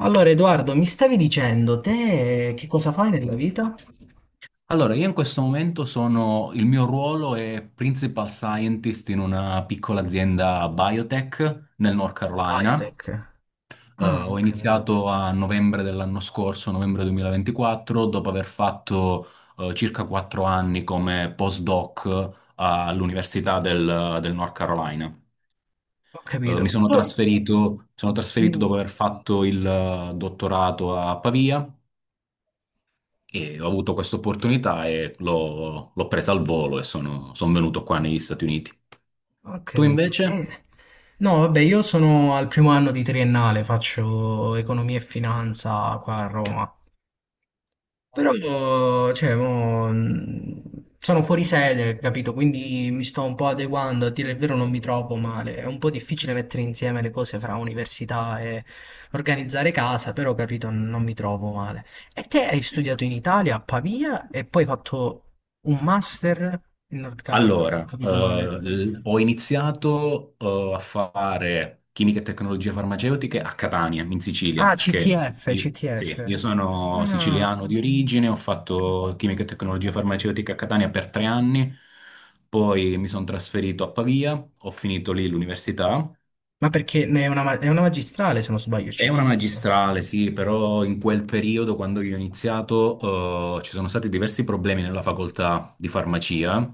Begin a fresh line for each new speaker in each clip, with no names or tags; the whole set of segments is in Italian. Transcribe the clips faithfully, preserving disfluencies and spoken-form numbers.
Allora, Edoardo, mi stavi dicendo, te che cosa fai nella vita?
Allora, io in questo momento sono, il mio ruolo è Principal Scientist in una piccola azienda biotech nel North Carolina.
Biotech.
Eh,
Ah, ho
ho
capito.
iniziato a novembre dell'anno scorso, novembre duemilaventiquattro, dopo aver fatto eh, circa quattro anni come postdoc all'Università del, del North Carolina.
Ho
Eh,
capito.
mi sono
Tu?
trasferito, sono trasferito dopo
Dimmi.
aver fatto il eh, dottorato a Pavia. E ho avuto questa opportunità e l'ho l'ho presa al volo e sono, sono venuto qua negli Stati Uniti.
Ho
Tu
capito.
invece?
Eh, No, vabbè, io sono al primo anno di triennale, faccio economia e finanza qua a Roma. Però, mo, cioè, mo, mh, sono fuori sede, capito? Quindi mi sto un po' adeguando, a dire il vero non mi trovo male. È un po' difficile mettere insieme le cose fra università e organizzare casa, però, capito, non mi trovo male. E te hai studiato in Italia, a Pavia, e poi hai fatto un master in North Carolina, ho
Allora, eh,
capito male.
l- ho iniziato, eh, a fare chimica e tecnologie farmaceutiche a Catania, in Sicilia,
Ah,
perché
C T F,
io,
C T F.
sì, io sono
Ah,
siciliano di origine, ho fatto chimica e tecnologie farmaceutiche a Catania per tre anni, poi mi sono trasferito a Pavia, ho finito lì l'università.
ma perché ne è una, ma- è una magistrale, se non sbaglio,
È una
C T F.
magistrale, sì, però in quel periodo, quando io ho iniziato, eh, ci sono stati diversi problemi nella facoltà di farmacia,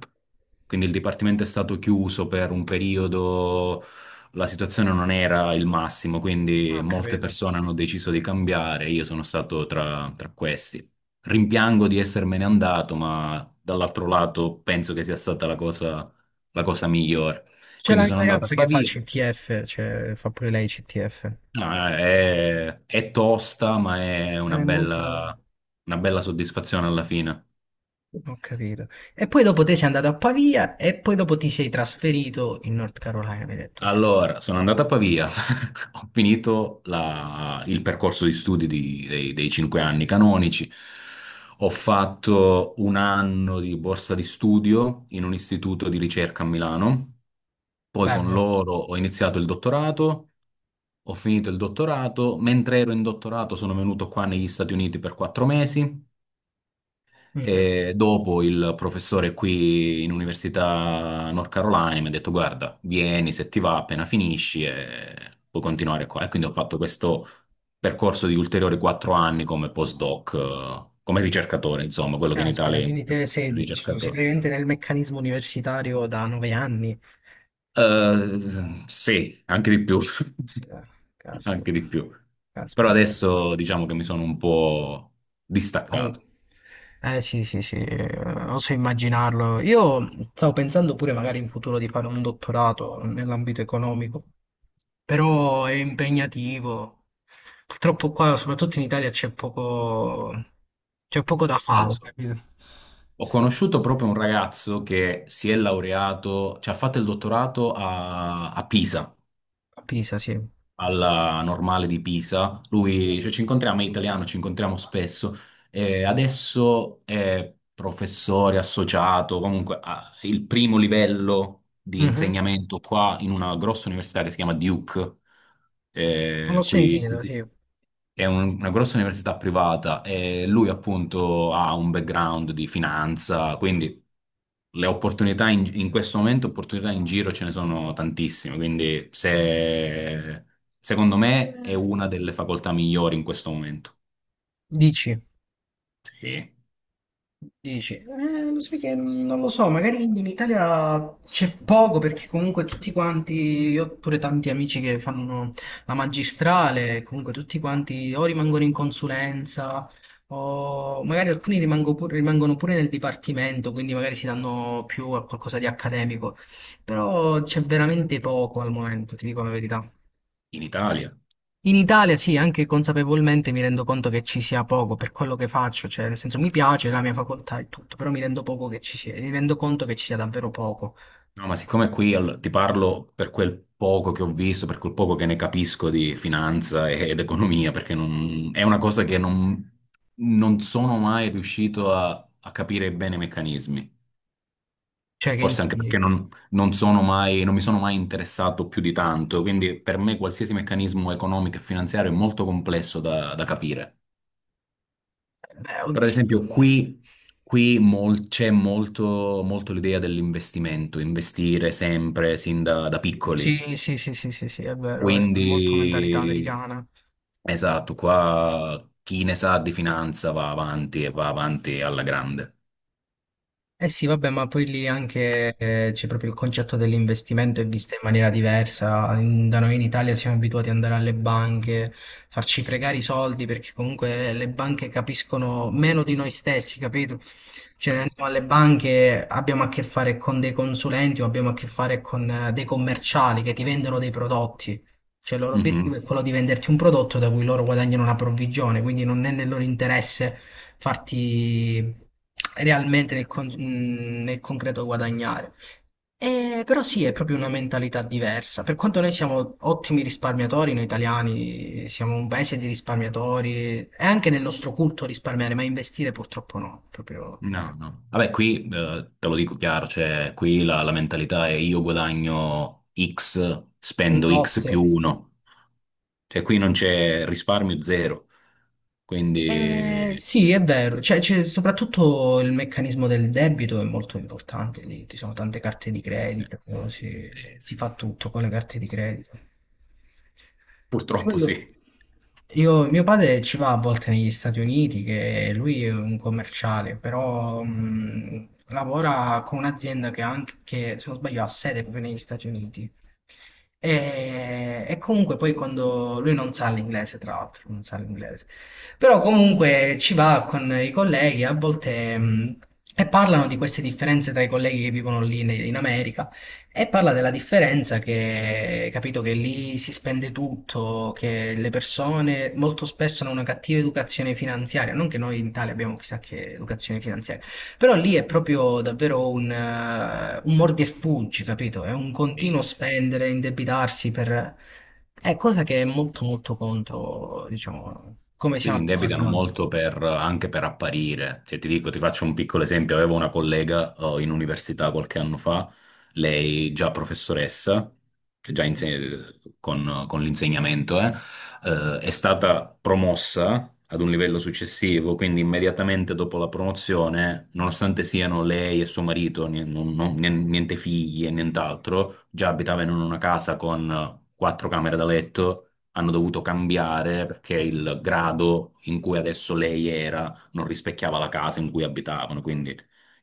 quindi il dipartimento è stato chiuso per un periodo, la situazione non era il massimo,
Ah,
quindi
ho
molte
capito.
persone hanno deciso di cambiare, io sono stato tra, tra questi. Rimpiango di essermene andato, ma dall'altro lato penso che sia stata la cosa, la cosa migliore.
C'è
Quindi
la mia
sono andato a
ragazza che fa
Pavia.
C T F, cioè fa pure lei C T F.
No, è, è tosta, ma è una
È molto...
bella, una bella soddisfazione alla fine.
Ho capito. E poi dopo te sei andato a Pavia e poi dopo ti sei trasferito in North Carolina, mi hai detto.
Allora, sono andato a Pavia, ho finito la- il percorso di studi di- dei, dei cinque anni canonici, ho fatto un anno di borsa di studio in un istituto di ricerca a Milano, poi con
Bello.
loro ho iniziato il dottorato, ho finito il dottorato, mentre ero in dottorato sono venuto qua negli Stati Uniti per quattro mesi.
Mhm.
E dopo il professore qui in Università North Carolina mi ha detto: Guarda, vieni se ti va, appena finisci e puoi continuare qua. E quindi ho fatto questo percorso di ulteriori quattro anni come postdoc, eh, come ricercatore, insomma, quello che in
Caspita,
Italia è
quindi te sei, cioè, sei
ricercatore.
praticamente nel meccanismo universitario da nove anni.
Eh, sì, anche di più,
Caspita,
anche
caspita,
di più. Però
caspita.
adesso diciamo che mi sono un po'
Eh,
distaccato.
eh, sì, sì, sì, eh, oso immaginarlo. Io stavo pensando pure magari in futuro di fare un dottorato nell'ambito economico, però è impegnativo. Purtroppo qua, soprattutto in Italia, c'è poco, c'è poco da
Eh, lo
fare,
so.
capito?
Ho conosciuto proprio un ragazzo che si è laureato, cioè ha fatto il dottorato a, a Pisa,
A Pisa, sì.
alla Normale di Pisa. Lui, cioè, ci incontriamo, è italiano, ci incontriamo spesso. E adesso è professore associato, comunque ha il primo livello di
Mhm.
insegnamento qua in una grossa università che si chiama Duke,
L'ho
eh, qui qui
sentito, sì.
è un- una grossa università privata e lui appunto ha un background di finanza, quindi le opportunità in, in questo momento, opportunità in giro ce ne sono tantissime, quindi se, secondo me è
Eh,
una delle facoltà migliori in questo momento.
Dici?
Sì,
Dici, eh, lo sai che non lo so, magari in Italia c'è poco perché comunque tutti quanti, io ho pure tanti amici che fanno la magistrale, comunque tutti quanti o rimangono in consulenza o magari alcuni rimango pur- rimangono pure nel dipartimento, quindi magari si danno più a qualcosa di accademico, però c'è veramente poco al momento, ti dico la verità.
in Italia.
In Italia sì, anche consapevolmente mi rendo conto che ci sia poco per quello che faccio, cioè nel senso mi piace la mia facoltà e tutto, però mi rendo poco che ci sia, mi rendo conto che ci sia davvero poco,
No, ma siccome qui al- ti parlo per quel poco che ho visto, per quel poco che ne capisco di finanza e- ed economia, perché non- è una cosa che non, non sono mai riuscito a, a capire bene i meccanismi.
cioè
Forse
che...
anche perché
in-
non, non sono mai- non mi sono mai interessato più di tanto, quindi per me qualsiasi meccanismo economico e finanziario è molto complesso da, da capire.
Beh,
Per
oddio.
esempio, qui, qui mol- c'è molto, molto l'idea dell'investimento, investire sempre sin da da piccoli.
Sì, sì, sì, sì, sì, sì, è vero, è molto mentalità
Quindi,
americana.
esatto, qua chi ne sa di finanza va avanti e va avanti alla grande.
Eh sì, vabbè, ma poi lì anche eh, c'è proprio il concetto dell'investimento è visto in maniera diversa. In- da noi in Italia siamo abituati ad andare alle banche, farci fregare i soldi perché comunque eh, le banche capiscono meno di noi stessi, capito? Cioè, noi
Eh.
andiamo alle banche, abbiamo a che fare con dei consulenti o abbiamo a che fare con eh, dei commerciali che ti vendono dei prodotti. Cioè, il loro obiettivo
Mhm.
è quello di venderti un prodotto da cui loro guadagnano una provvigione, quindi non è nel loro interesse farti realmente nel, con- mh, nel concreto guadagnare. Eh, però sì, è proprio una mentalità diversa. Per quanto noi siamo ottimi risparmiatori, noi italiani siamo un paese di risparmiatori, è anche nel nostro culto risparmiare, ma investire purtroppo no, è proprio
No, no. Vabbè, qui eh, te lo dico chiaro, cioè qui la, la mentalità è io guadagno X,
un
spendo X
tot.
più uno. Cioè qui non c'è risparmio zero.
Eh,
Quindi,
sì, è vero, cioè, c'è soprattutto il meccanismo del debito è molto importante lì, ci sono tante carte di
sì.
credito, si,
Eh,
si
sì.
fa tutto con le carte di credito. E poi
Purtroppo sì.
Io, io- mio padre ci va a volte negli Stati Uniti, che lui è un commerciale, però mh, lavora con un'azienda che, ha anche, che, se non sbaglio, ha sede proprio negli Stati Uniti. E, e comunque poi quando lui non sa l'inglese, tra l'altro, non sa l'inglese. Però comunque ci va con i colleghi a volte mh, e parlano di queste differenze tra i colleghi che vivono lì in, in America e parla della differenza che, capito, che lì si spende tutto, che le persone molto spesso hanno una cattiva educazione finanziaria, non che noi in Italia abbiamo chissà che educazione finanziaria. Però lì è proprio davvero un, eh, un mordi e fuggi, capito? È un continuo
Sì, sì, sì.
spendere, indebitarsi per... È cosa che è molto molto contro, diciamo, come
Qui
siamo
si
abituati
indebitano
noi.
molto per- anche per apparire. Cioè, ti dico, ti faccio un piccolo esempio. Avevo una collega, eh, in università qualche anno fa, lei già professoressa, che già inse- con, con l'insegnamento, eh, eh, è stata promossa ad un livello successivo, quindi immediatamente dopo la promozione, nonostante siano lei e suo marito, ni- non- non- niente figli e nient'altro, già abitavano in una casa con eh, quattro camere da letto. Hanno dovuto cambiare perché il grado in cui adesso lei era non rispecchiava la casa in cui abitavano, quindi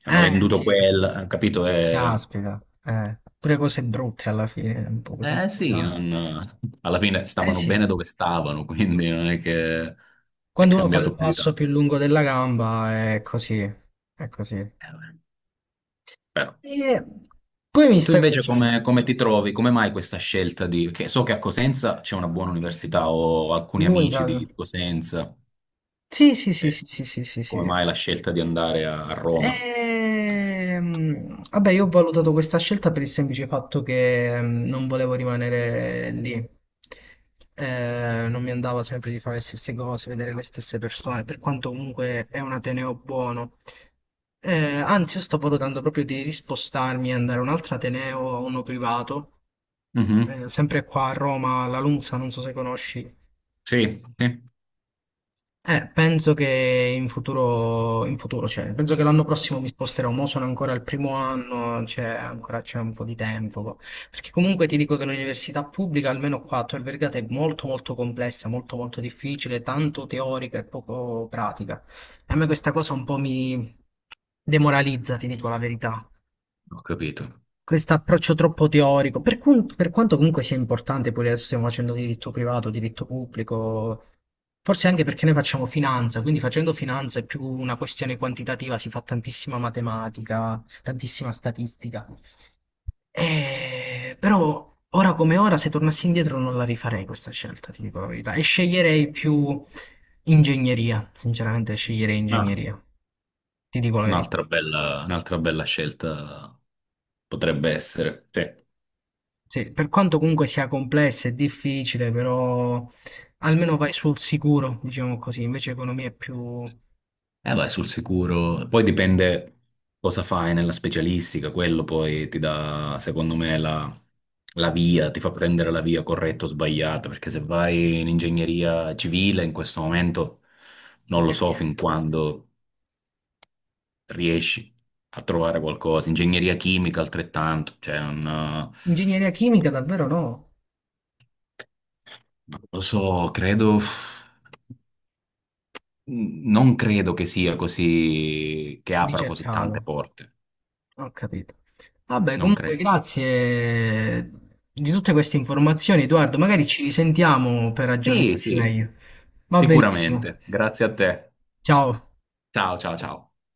hanno
Eh,
venduto
sì, sì.
quel, capito? Eh,
Caspita. Eh. Pure cose brutte alla fine, un po' sono
eh sì,
pesanti.
non- alla fine
Eh
stavano
sì,
bene dove stavano, quindi non è che è
quando uno fa il
cambiato più di
passo
tanto.
più lungo della gamba è così, è così.
Eh, beh, però.
E poi mi
E tu
stavi
invece
dicendo,
come, come ti trovi? Come mai questa scelta di... Che so che a Cosenza c'è una buona università, ho alcuni
l'unica...
amici di di Cosenza.
Sì, sì, sì,
Eh,
sì, sì, sì, sì,
come
sì.
mai la scelta di andare a, a Roma?
Ehm, vabbè, io ho valutato questa scelta per il semplice fatto che mm, non volevo rimanere lì. Eh, non mi andava sempre di fare le stesse cose, vedere le stesse persone, per quanto comunque è un ateneo buono. Eh, anzi, io sto valutando proprio di rispostarmi e andare a un altro ateneo, a uno privato,
Mhm.
eh, sempre qua a Roma, alla Lunza, non so se conosci.
Sì, sì,
Eh, penso che in futuro, in futuro, cioè, penso che l'anno prossimo mi sposterò, mo sono ancora al primo anno, cioè, ancora c'è un po' di tempo, perché comunque ti dico che l'università pubblica, almeno qua a Tor Vergata, è molto molto complessa, molto molto difficile, tanto teorica e poco pratica. E a me questa cosa un po' mi demoralizza, ti dico la verità
ho capito.
questo approccio troppo teorico, per, cun- per quanto comunque sia importante, poi adesso stiamo facendo diritto privato, diritto pubblico, forse anche perché noi facciamo finanza, quindi facendo finanza è più una questione quantitativa, si fa tantissima matematica, tantissima statistica. Eh, però ora come ora, se tornassi indietro non la rifarei questa scelta, ti dico la verità, e sceglierei più ingegneria, sinceramente sceglierei
Ah,
ingegneria, ti dico la verità.
un'altra bella, un'altra bella scelta potrebbe essere. Sì. Eh,
Sì, per quanto comunque sia complessa e difficile, però almeno vai sul sicuro, diciamo così, invece economia è più poco
vai sul sicuro. Poi dipende cosa fai nella specialistica, quello poi ti dà, secondo me, la, la via, ti fa prendere la via corretta o sbagliata, perché se vai in ingegneria civile in questo momento non lo
e
so fin
niente.
quando riesci a trovare qualcosa. Ingegneria chimica altrettanto, cioè non...
Ingegneria chimica davvero no,
Non lo so, credo. Non credo che sia così, che apra così tante
ricercato,
porte.
ho capito. Vabbè,
Non
comunque
credo.
grazie di tutte queste informazioni, Edoardo, magari ci risentiamo per
Sì,
aggiornarci
sì,
meglio. Va benissimo.
sicuramente. Grazie a te.
Ciao.
Ciao, ciao, ciao.